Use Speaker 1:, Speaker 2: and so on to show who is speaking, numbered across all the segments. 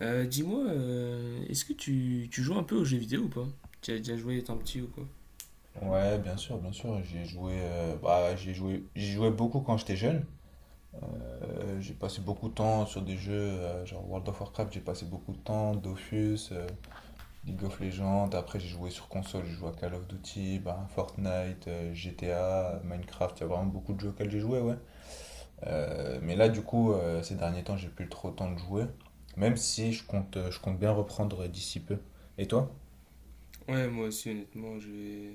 Speaker 1: Dis-moi, est-ce que tu joues un peu aux jeux vidéo ou pas? Tu as déjà joué étant petit ou quoi?
Speaker 2: Ouais, bien sûr, bien sûr. J'y ai joué, bah, j'y jouais beaucoup quand j'étais jeune. J'ai passé beaucoup de temps sur des jeux, genre World of Warcraft, j'ai passé beaucoup de temps, Dofus, League of Legends. Après, j'ai joué sur console, j'ai joué à Call of Duty, bah, Fortnite, GTA, Minecraft. Il y a vraiment beaucoup de jeux auxquels j'ai joué, ouais. Mais là, du coup, ces derniers temps, j'ai plus trop le temps de jouer. Même si je compte bien reprendre d'ici peu. Et toi?
Speaker 1: Ouais, moi aussi, honnêtement, j'ai...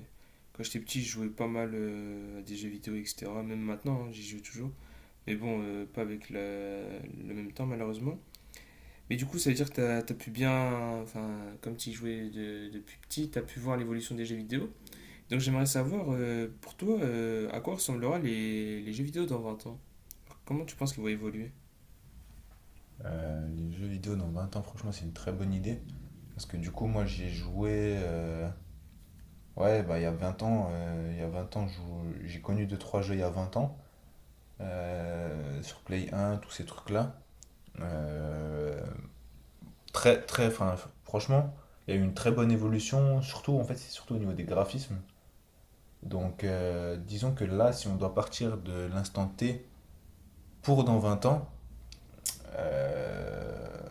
Speaker 1: Quand j'étais petit, je jouais pas mal à des jeux vidéo, etc. Même maintenant, hein, j'y joue toujours. Mais bon, pas avec le même temps, malheureusement. Mais du coup, ça veut dire que t'as pu bien. Enfin, comme tu y jouais depuis petit, t'as pu voir l'évolution des jeux vidéo. Donc, j'aimerais savoir, pour toi, à quoi ressemblera les jeux vidéo dans 20 ans? Comment tu penses qu'ils vont évoluer?
Speaker 2: Les jeux vidéo dans 20 ans, franchement, c'est une très bonne idée. Parce que du coup, moi, j'ai joué. Ouais, bah, il y a 20 ans, j'ai connu deux trois jeux il y a 20 ans. Sur Play 1, tous ces trucs-là. Euh, très, très, enfin, franchement, il y a eu une très bonne évolution. Surtout, en fait, c'est surtout au niveau des graphismes. Donc, disons que là, si on doit partir de l'instant T pour dans 20 ans, euh,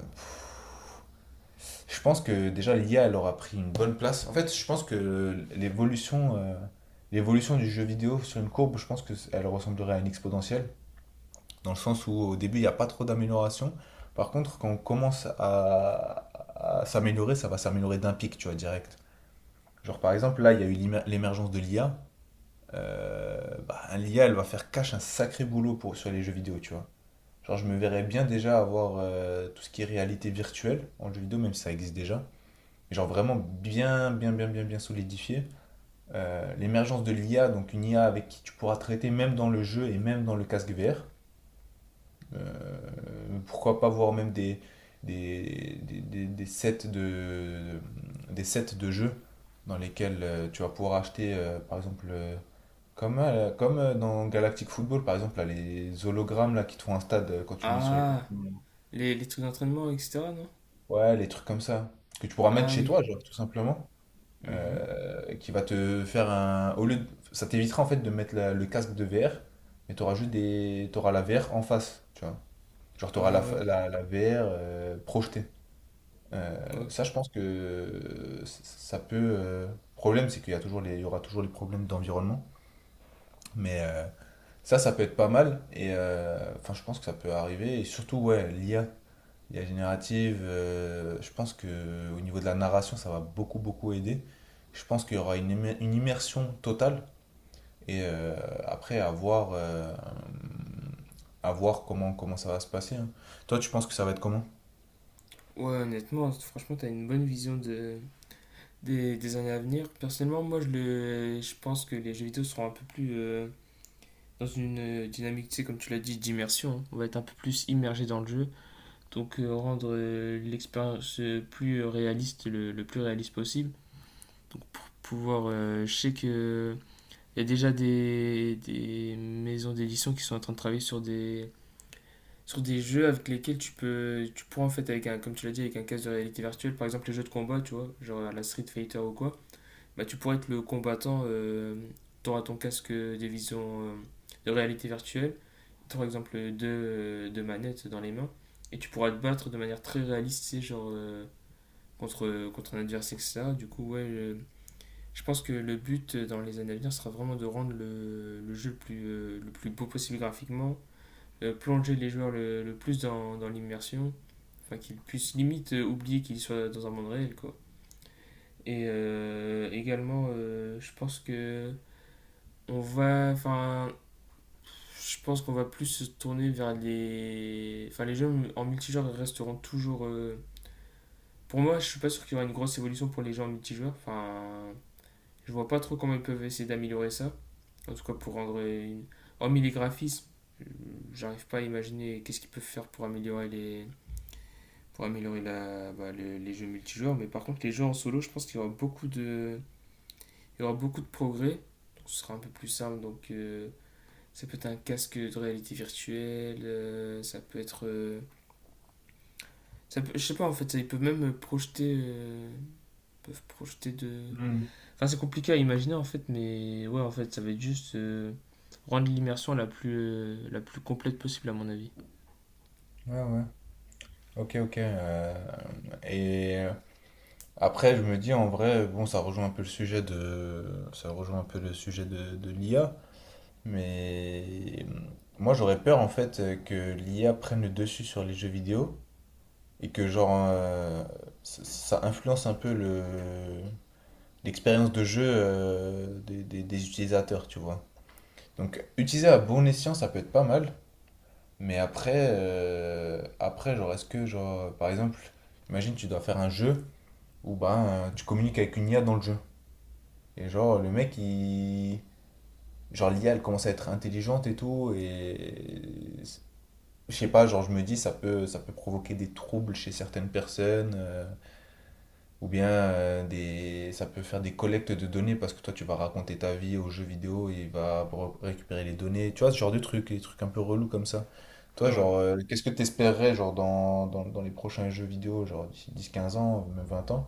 Speaker 2: Je pense que déjà l'IA elle aura pris une bonne place. En fait, je pense que l'évolution du jeu vidéo sur une courbe, je pense que elle ressemblerait à une exponentielle, dans le sens où au début il n'y a pas trop d'amélioration. Par contre, quand on commence à s'améliorer, ça va s'améliorer d'un pic, tu vois, direct. Genre par exemple, là il y a eu l'émergence de l'IA. Euh, bah, l'IA elle va faire cache un sacré boulot sur les jeux vidéo, tu vois. Genre je me verrais bien déjà avoir tout ce qui est réalité virtuelle en jeu vidéo, même si ça existe déjà mais genre vraiment bien, bien, bien, bien, bien solidifié. L'émergence de l'IA, donc une IA avec qui tu pourras traiter même dans le jeu et même dans le casque VR. Euh, Pourquoi pas voir même des, des, des, des sets, de, des sets de jeux dans lesquels tu vas pouvoir acheter, par exemple, comme, comme dans Galactic Football, par exemple, là, les hologrammes là, qui te font un stade quand tu mets sur les.
Speaker 1: Ah, les trucs d'entraînement, etc., non?
Speaker 2: Ouais, les trucs comme ça, que tu pourras mettre
Speaker 1: Ah
Speaker 2: chez
Speaker 1: oui.
Speaker 2: toi, genre, tout simplement.
Speaker 1: Mmh.
Speaker 2: Qui va te faire un. Ça t'évitera en fait de mettre le casque de VR, mais t'auras juste des. T'auras la VR en face, tu vois. Genre t'auras
Speaker 1: Ah
Speaker 2: la,
Speaker 1: ouais.
Speaker 2: fa- la, la VR projetée. Euh, Ça,
Speaker 1: Ok.
Speaker 2: je pense que c- ça peut. Problème, c'est qu'il y a toujours il y aura toujours les problèmes d'environnement, mais ça peut être pas mal. Et enfin, je pense que ça peut arriver. Et surtout, ouais, l'IA générative, je pense que au niveau de la narration, ça va beaucoup beaucoup aider. Je pense qu'il y aura une immersion totale et après à voir, comment ça va se passer, hein. Toi, tu penses que ça va être comment?
Speaker 1: Ouais, honnêtement, franchement, t'as une bonne vision des années à venir. Personnellement, moi, je pense que les jeux vidéo seront un peu plus dans une dynamique, tu sais, comme tu l'as dit, d'immersion. On va être un peu plus immergé dans le jeu. Donc, rendre l'expérience plus réaliste, le plus réaliste possible. Donc, pour pouvoir, je sais que. Il y a déjà des maisons d'édition qui sont en train de travailler sur des jeux avec lesquels tu pourras en fait, avec un, comme tu l'as dit, avec un casque de réalité virtuelle, par exemple les jeux de combat, tu vois, genre à la Street Fighter ou quoi, bah tu pourras être le combattant. T'auras ton casque de vision, de réalité virtuelle, par exemple deux manettes dans les mains, et tu pourras te battre de manière très réaliste, tu sais, genre, contre un adversaire, etc. Du coup, ouais, je pense que le but, dans les années à venir, sera vraiment de rendre le jeu le plus, le plus beau possible graphiquement, plonger les joueurs le plus dans l'immersion. Enfin, qu'il puisse limite oublier qu'il soit dans un monde réel, quoi. Et également, je pense que enfin, je pense qu'on va plus se tourner vers enfin, les jeux en multijoueur resteront toujours, pour moi. Je suis pas sûr qu'il y aura une grosse évolution pour les jeux en multijoueur. Enfin, je vois pas trop comment ils peuvent essayer d'améliorer ça. En tout cas, pour rendre hormis les graphismes, euh, j'arrive pas à imaginer qu'est-ce qu'ils peuvent faire pour améliorer les pour améliorer bah, les jeux multijoueurs. Mais par contre, les jeux en solo, je pense qu'il y aura beaucoup de progrès. Donc, ce sera un peu plus simple. Donc, ça peut être un casque de réalité virtuelle, ça peut être, je sais pas en fait. Ils peuvent même projeter, ils peuvent projeter de.
Speaker 2: Hmm.
Speaker 1: Enfin, c'est compliqué à imaginer en fait. Mais ouais, en fait, ça va être juste, rendre l'immersion la plus complète possible à mon avis.
Speaker 2: Ouais, ouais. Ok, ok. Et euh, Après, je me dis en vrai, bon, ça rejoint un peu le sujet de, ça rejoint un peu le sujet de l'IA, mais moi j'aurais peur en fait que l'IA prenne le dessus sur les jeux vidéo et que genre ça influence un peu le l'expérience de jeu des utilisateurs, tu vois. Donc utiliser à bon escient, ça peut être pas mal, mais après genre est-ce que genre par exemple, imagine tu dois faire un jeu où ben tu communiques avec une IA dans le jeu et genre le mec il genre l'IA elle commence à être intelligente et tout et je sais pas, genre je me dis ça peut provoquer des troubles chez certaines personnes. Ça peut faire des collectes de données parce que toi tu vas raconter ta vie aux jeux vidéo et il va récupérer les données. Tu vois, ce genre de trucs, des trucs un peu relous comme ça. Toi, genre,
Speaker 1: Ouais.
Speaker 2: qu'est-ce que t'espérerais genre dans les prochains jeux vidéo, genre d'ici 10-15 ans, même 20 ans?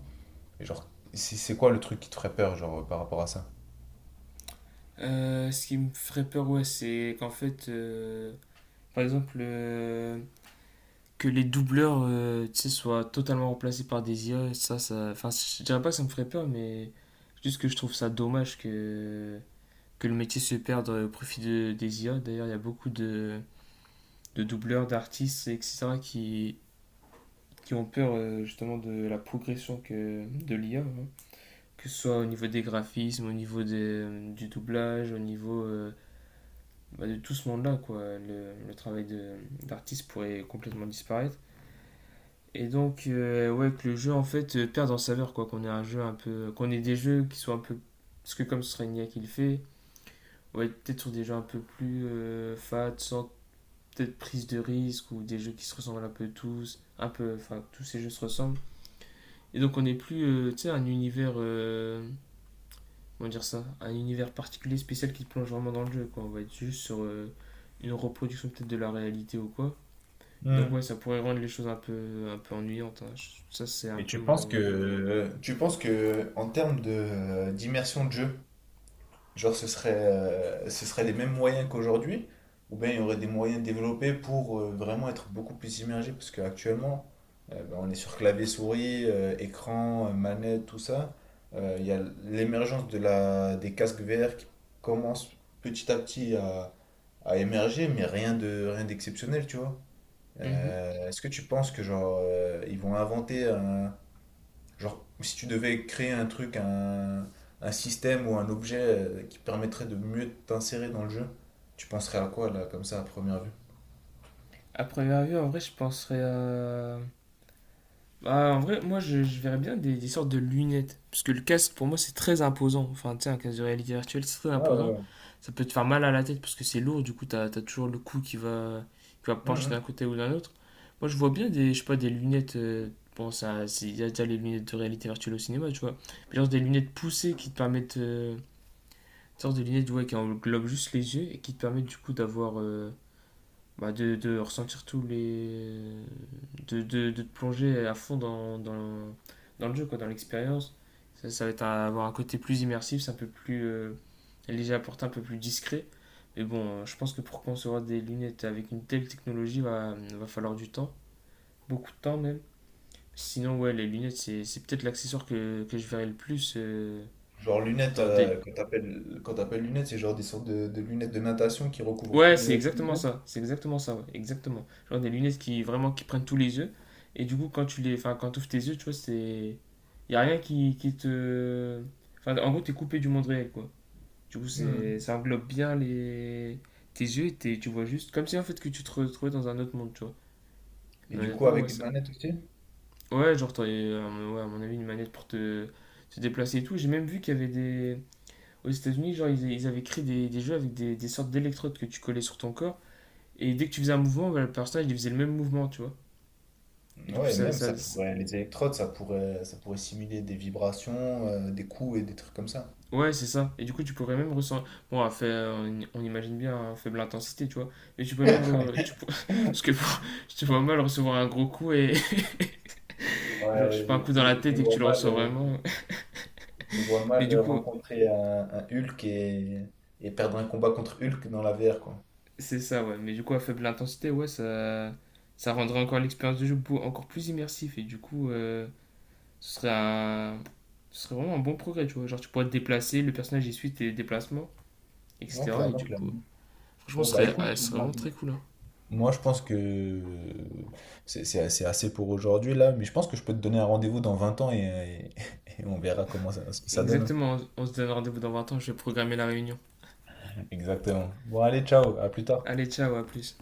Speaker 2: Et genre, c'est quoi le truc qui te ferait peur, genre, par rapport à ça?
Speaker 1: Ce qui me ferait peur, ouais, c'est qu'en fait, par exemple, que les doubleurs, tu sais, soient totalement remplacés par des IA, ça. Enfin, je dirais pas que ça me ferait peur, mais juste que je trouve ça dommage que le métier se perde, au profit des IA. D'ailleurs, il y a beaucoup de doubleurs, d'artistes, etc., qui ont peur, justement de la progression de l'IA, hein. Que ce soit au niveau des graphismes, au niveau du doublage, au niveau bah, de tout ce monde-là, quoi. Le travail d'artiste pourrait complètement disparaître. Et donc, ouais, que le jeu en fait, perde en saveur, quoi. Qu'on ait un jeu un peu. Qu'on ait des jeux qui soient un peu. Parce que comme ce serait une IA qui le fait, ouais, peut-être sur des jeux un peu plus, fat, sans peut-être prise de risque, ou des jeux qui se ressemblent un peu tous, un peu. Enfin, tous ces jeux se ressemblent. Et donc, on n'est plus, tu sais, un univers, comment dire ça? Un univers particulier, spécial qui te plonge vraiment dans le jeu, quoi. On va être juste sur, une reproduction peut-être de la réalité ou quoi. Donc, ouais,
Speaker 2: Hmm.
Speaker 1: ça pourrait rendre les choses un peu ennuyantes, hein. Ça, c'est un
Speaker 2: Et
Speaker 1: peu
Speaker 2: tu penses
Speaker 1: mon.
Speaker 2: que tu penses que en termes de d'immersion de jeu, genre, ce serait les mêmes moyens qu'aujourd'hui, ou bien il y aurait des moyens développés pour vraiment être beaucoup plus immergé, parce qu'actuellement, ben, on est sur clavier souris, écran, manette, tout ça. Il y a l'émergence de des casques VR qui commence petit à petit à émerger, mais rien d'exceptionnel, tu vois.
Speaker 1: Mhm.
Speaker 2: Est-ce que tu penses que genre ils vont inventer un, genre, si tu devais créer un truc, un système ou un objet qui permettrait de mieux t'insérer dans le jeu, tu penserais à quoi là, comme ça, à première vue?
Speaker 1: À première vue, en vrai, je penserais à. Bah, en vrai, moi, je verrais bien des sortes de lunettes. Parce que le casque, pour moi, c'est très imposant. Enfin, tu sais, un casque de réalité virtuelle, c'est très
Speaker 2: Ouais,
Speaker 1: imposant.
Speaker 2: ouais,
Speaker 1: Ça peut te faire mal à la tête parce que c'est lourd. Du coup, t'as toujours le cou qui va
Speaker 2: ouais.
Speaker 1: pencher
Speaker 2: Mhm.
Speaker 1: d'un côté ou d'un autre. Moi, je vois bien des, je sais pas, des lunettes, bon, ça, il y a déjà les lunettes de réalité virtuelle au cinéma, tu vois. Mais genre des lunettes poussées qui te permettent, une sorte de lunettes, ouais, qui englobent juste les yeux et qui te permettent, du coup, d'avoir, bah, de ressentir tous les, de te plonger à fond dans le jeu, quoi, dans l'expérience. Ça va être avoir un côté plus immersif, c'est un peu plus, léger à porter, un peu plus discret. Mais bon, je pense que pour concevoir des lunettes avec une telle technologie, va falloir du temps, beaucoup de temps même. Sinon, ouais, les lunettes, c'est peut-être l'accessoire que je verrai le plus,
Speaker 2: Genre lunettes,
Speaker 1: dans des.
Speaker 2: quand t'appelles lunettes, c'est genre des sortes de lunettes de natation qui recouvrent tous
Speaker 1: Ouais, c'est
Speaker 2: les, tous les
Speaker 1: exactement
Speaker 2: yeux.
Speaker 1: ça. C'est exactement ça, ouais. Exactement. Genre des lunettes qui vraiment qui prennent tous les yeux. Et du coup, quand tu les, enfin, quand ouvres tes yeux, tu vois, c'est, y a rien qui te, enfin, en gros, t'es coupé du monde réel, quoi. Du coup, c'est,
Speaker 2: Mhm.
Speaker 1: ça englobe bien les, tes yeux, et tu vois juste, comme si en fait que tu te retrouvais dans un autre monde, tu vois.
Speaker 2: Et
Speaker 1: Mais
Speaker 2: du coup,
Speaker 1: honnêtement, ouais,
Speaker 2: avec une
Speaker 1: ça,
Speaker 2: manette aussi?
Speaker 1: ouais, genre, t'aurais, ouais, à mon avis, une manette pour te déplacer et tout. J'ai même vu qu'il y avait des, aux États-Unis, genre, ils avaient créé des jeux avec des sortes d'électrodes que tu collais sur ton corps. Et dès que tu faisais un mouvement, bah, le personnage il faisait le même mouvement, tu vois. Et du coup,
Speaker 2: Ouais,
Speaker 1: ça.
Speaker 2: même ça pourrait, les électrodes, ça pourrait simuler des vibrations, des coups et des trucs comme ça.
Speaker 1: Ouais, c'est ça. Et du coup, tu pourrais même ressentir. Bon, à fait, on imagine bien à faible intensité, tu vois. Mais tu peux même. Tu... Parce que je te vois mal recevoir un gros coup et. Genre, je sais
Speaker 2: Ouais,
Speaker 1: pas, un coup dans la
Speaker 2: je
Speaker 1: tête
Speaker 2: me
Speaker 1: et que
Speaker 2: vois
Speaker 1: tu le ressens
Speaker 2: mal.
Speaker 1: vraiment.
Speaker 2: Je vois
Speaker 1: Mais du
Speaker 2: mal
Speaker 1: coup,
Speaker 2: rencontrer un Hulk et perdre un combat contre Hulk dans la VR, quoi.
Speaker 1: c'est ça, ouais. Mais du coup, à faible intensité, ouais, ça. Ça rendrait encore l'expérience de jeu encore plus immersif. Et du coup, ce serait un. Ce serait vraiment un bon progrès, tu vois. Genre, tu pourrais te déplacer, le personnage il suit tes déplacements,
Speaker 2: Non,
Speaker 1: etc. Et
Speaker 2: clairement,
Speaker 1: du coup.
Speaker 2: clairement.
Speaker 1: Franchement,
Speaker 2: Bon, bah écoute,
Speaker 1: ah, ce serait
Speaker 2: moi
Speaker 1: vraiment très cool, hein.
Speaker 2: moi, je pense que c'est assez, assez pour aujourd'hui là, mais je pense que je peux te donner un rendez-vous dans 20 ans et on verra comment ce que ça donne, hein.
Speaker 1: Exactement, on se donne rendez-vous dans 20 ans, je vais programmer la réunion.
Speaker 2: Exactement. Bon, allez, ciao, à plus tard.
Speaker 1: Allez, ciao, à plus.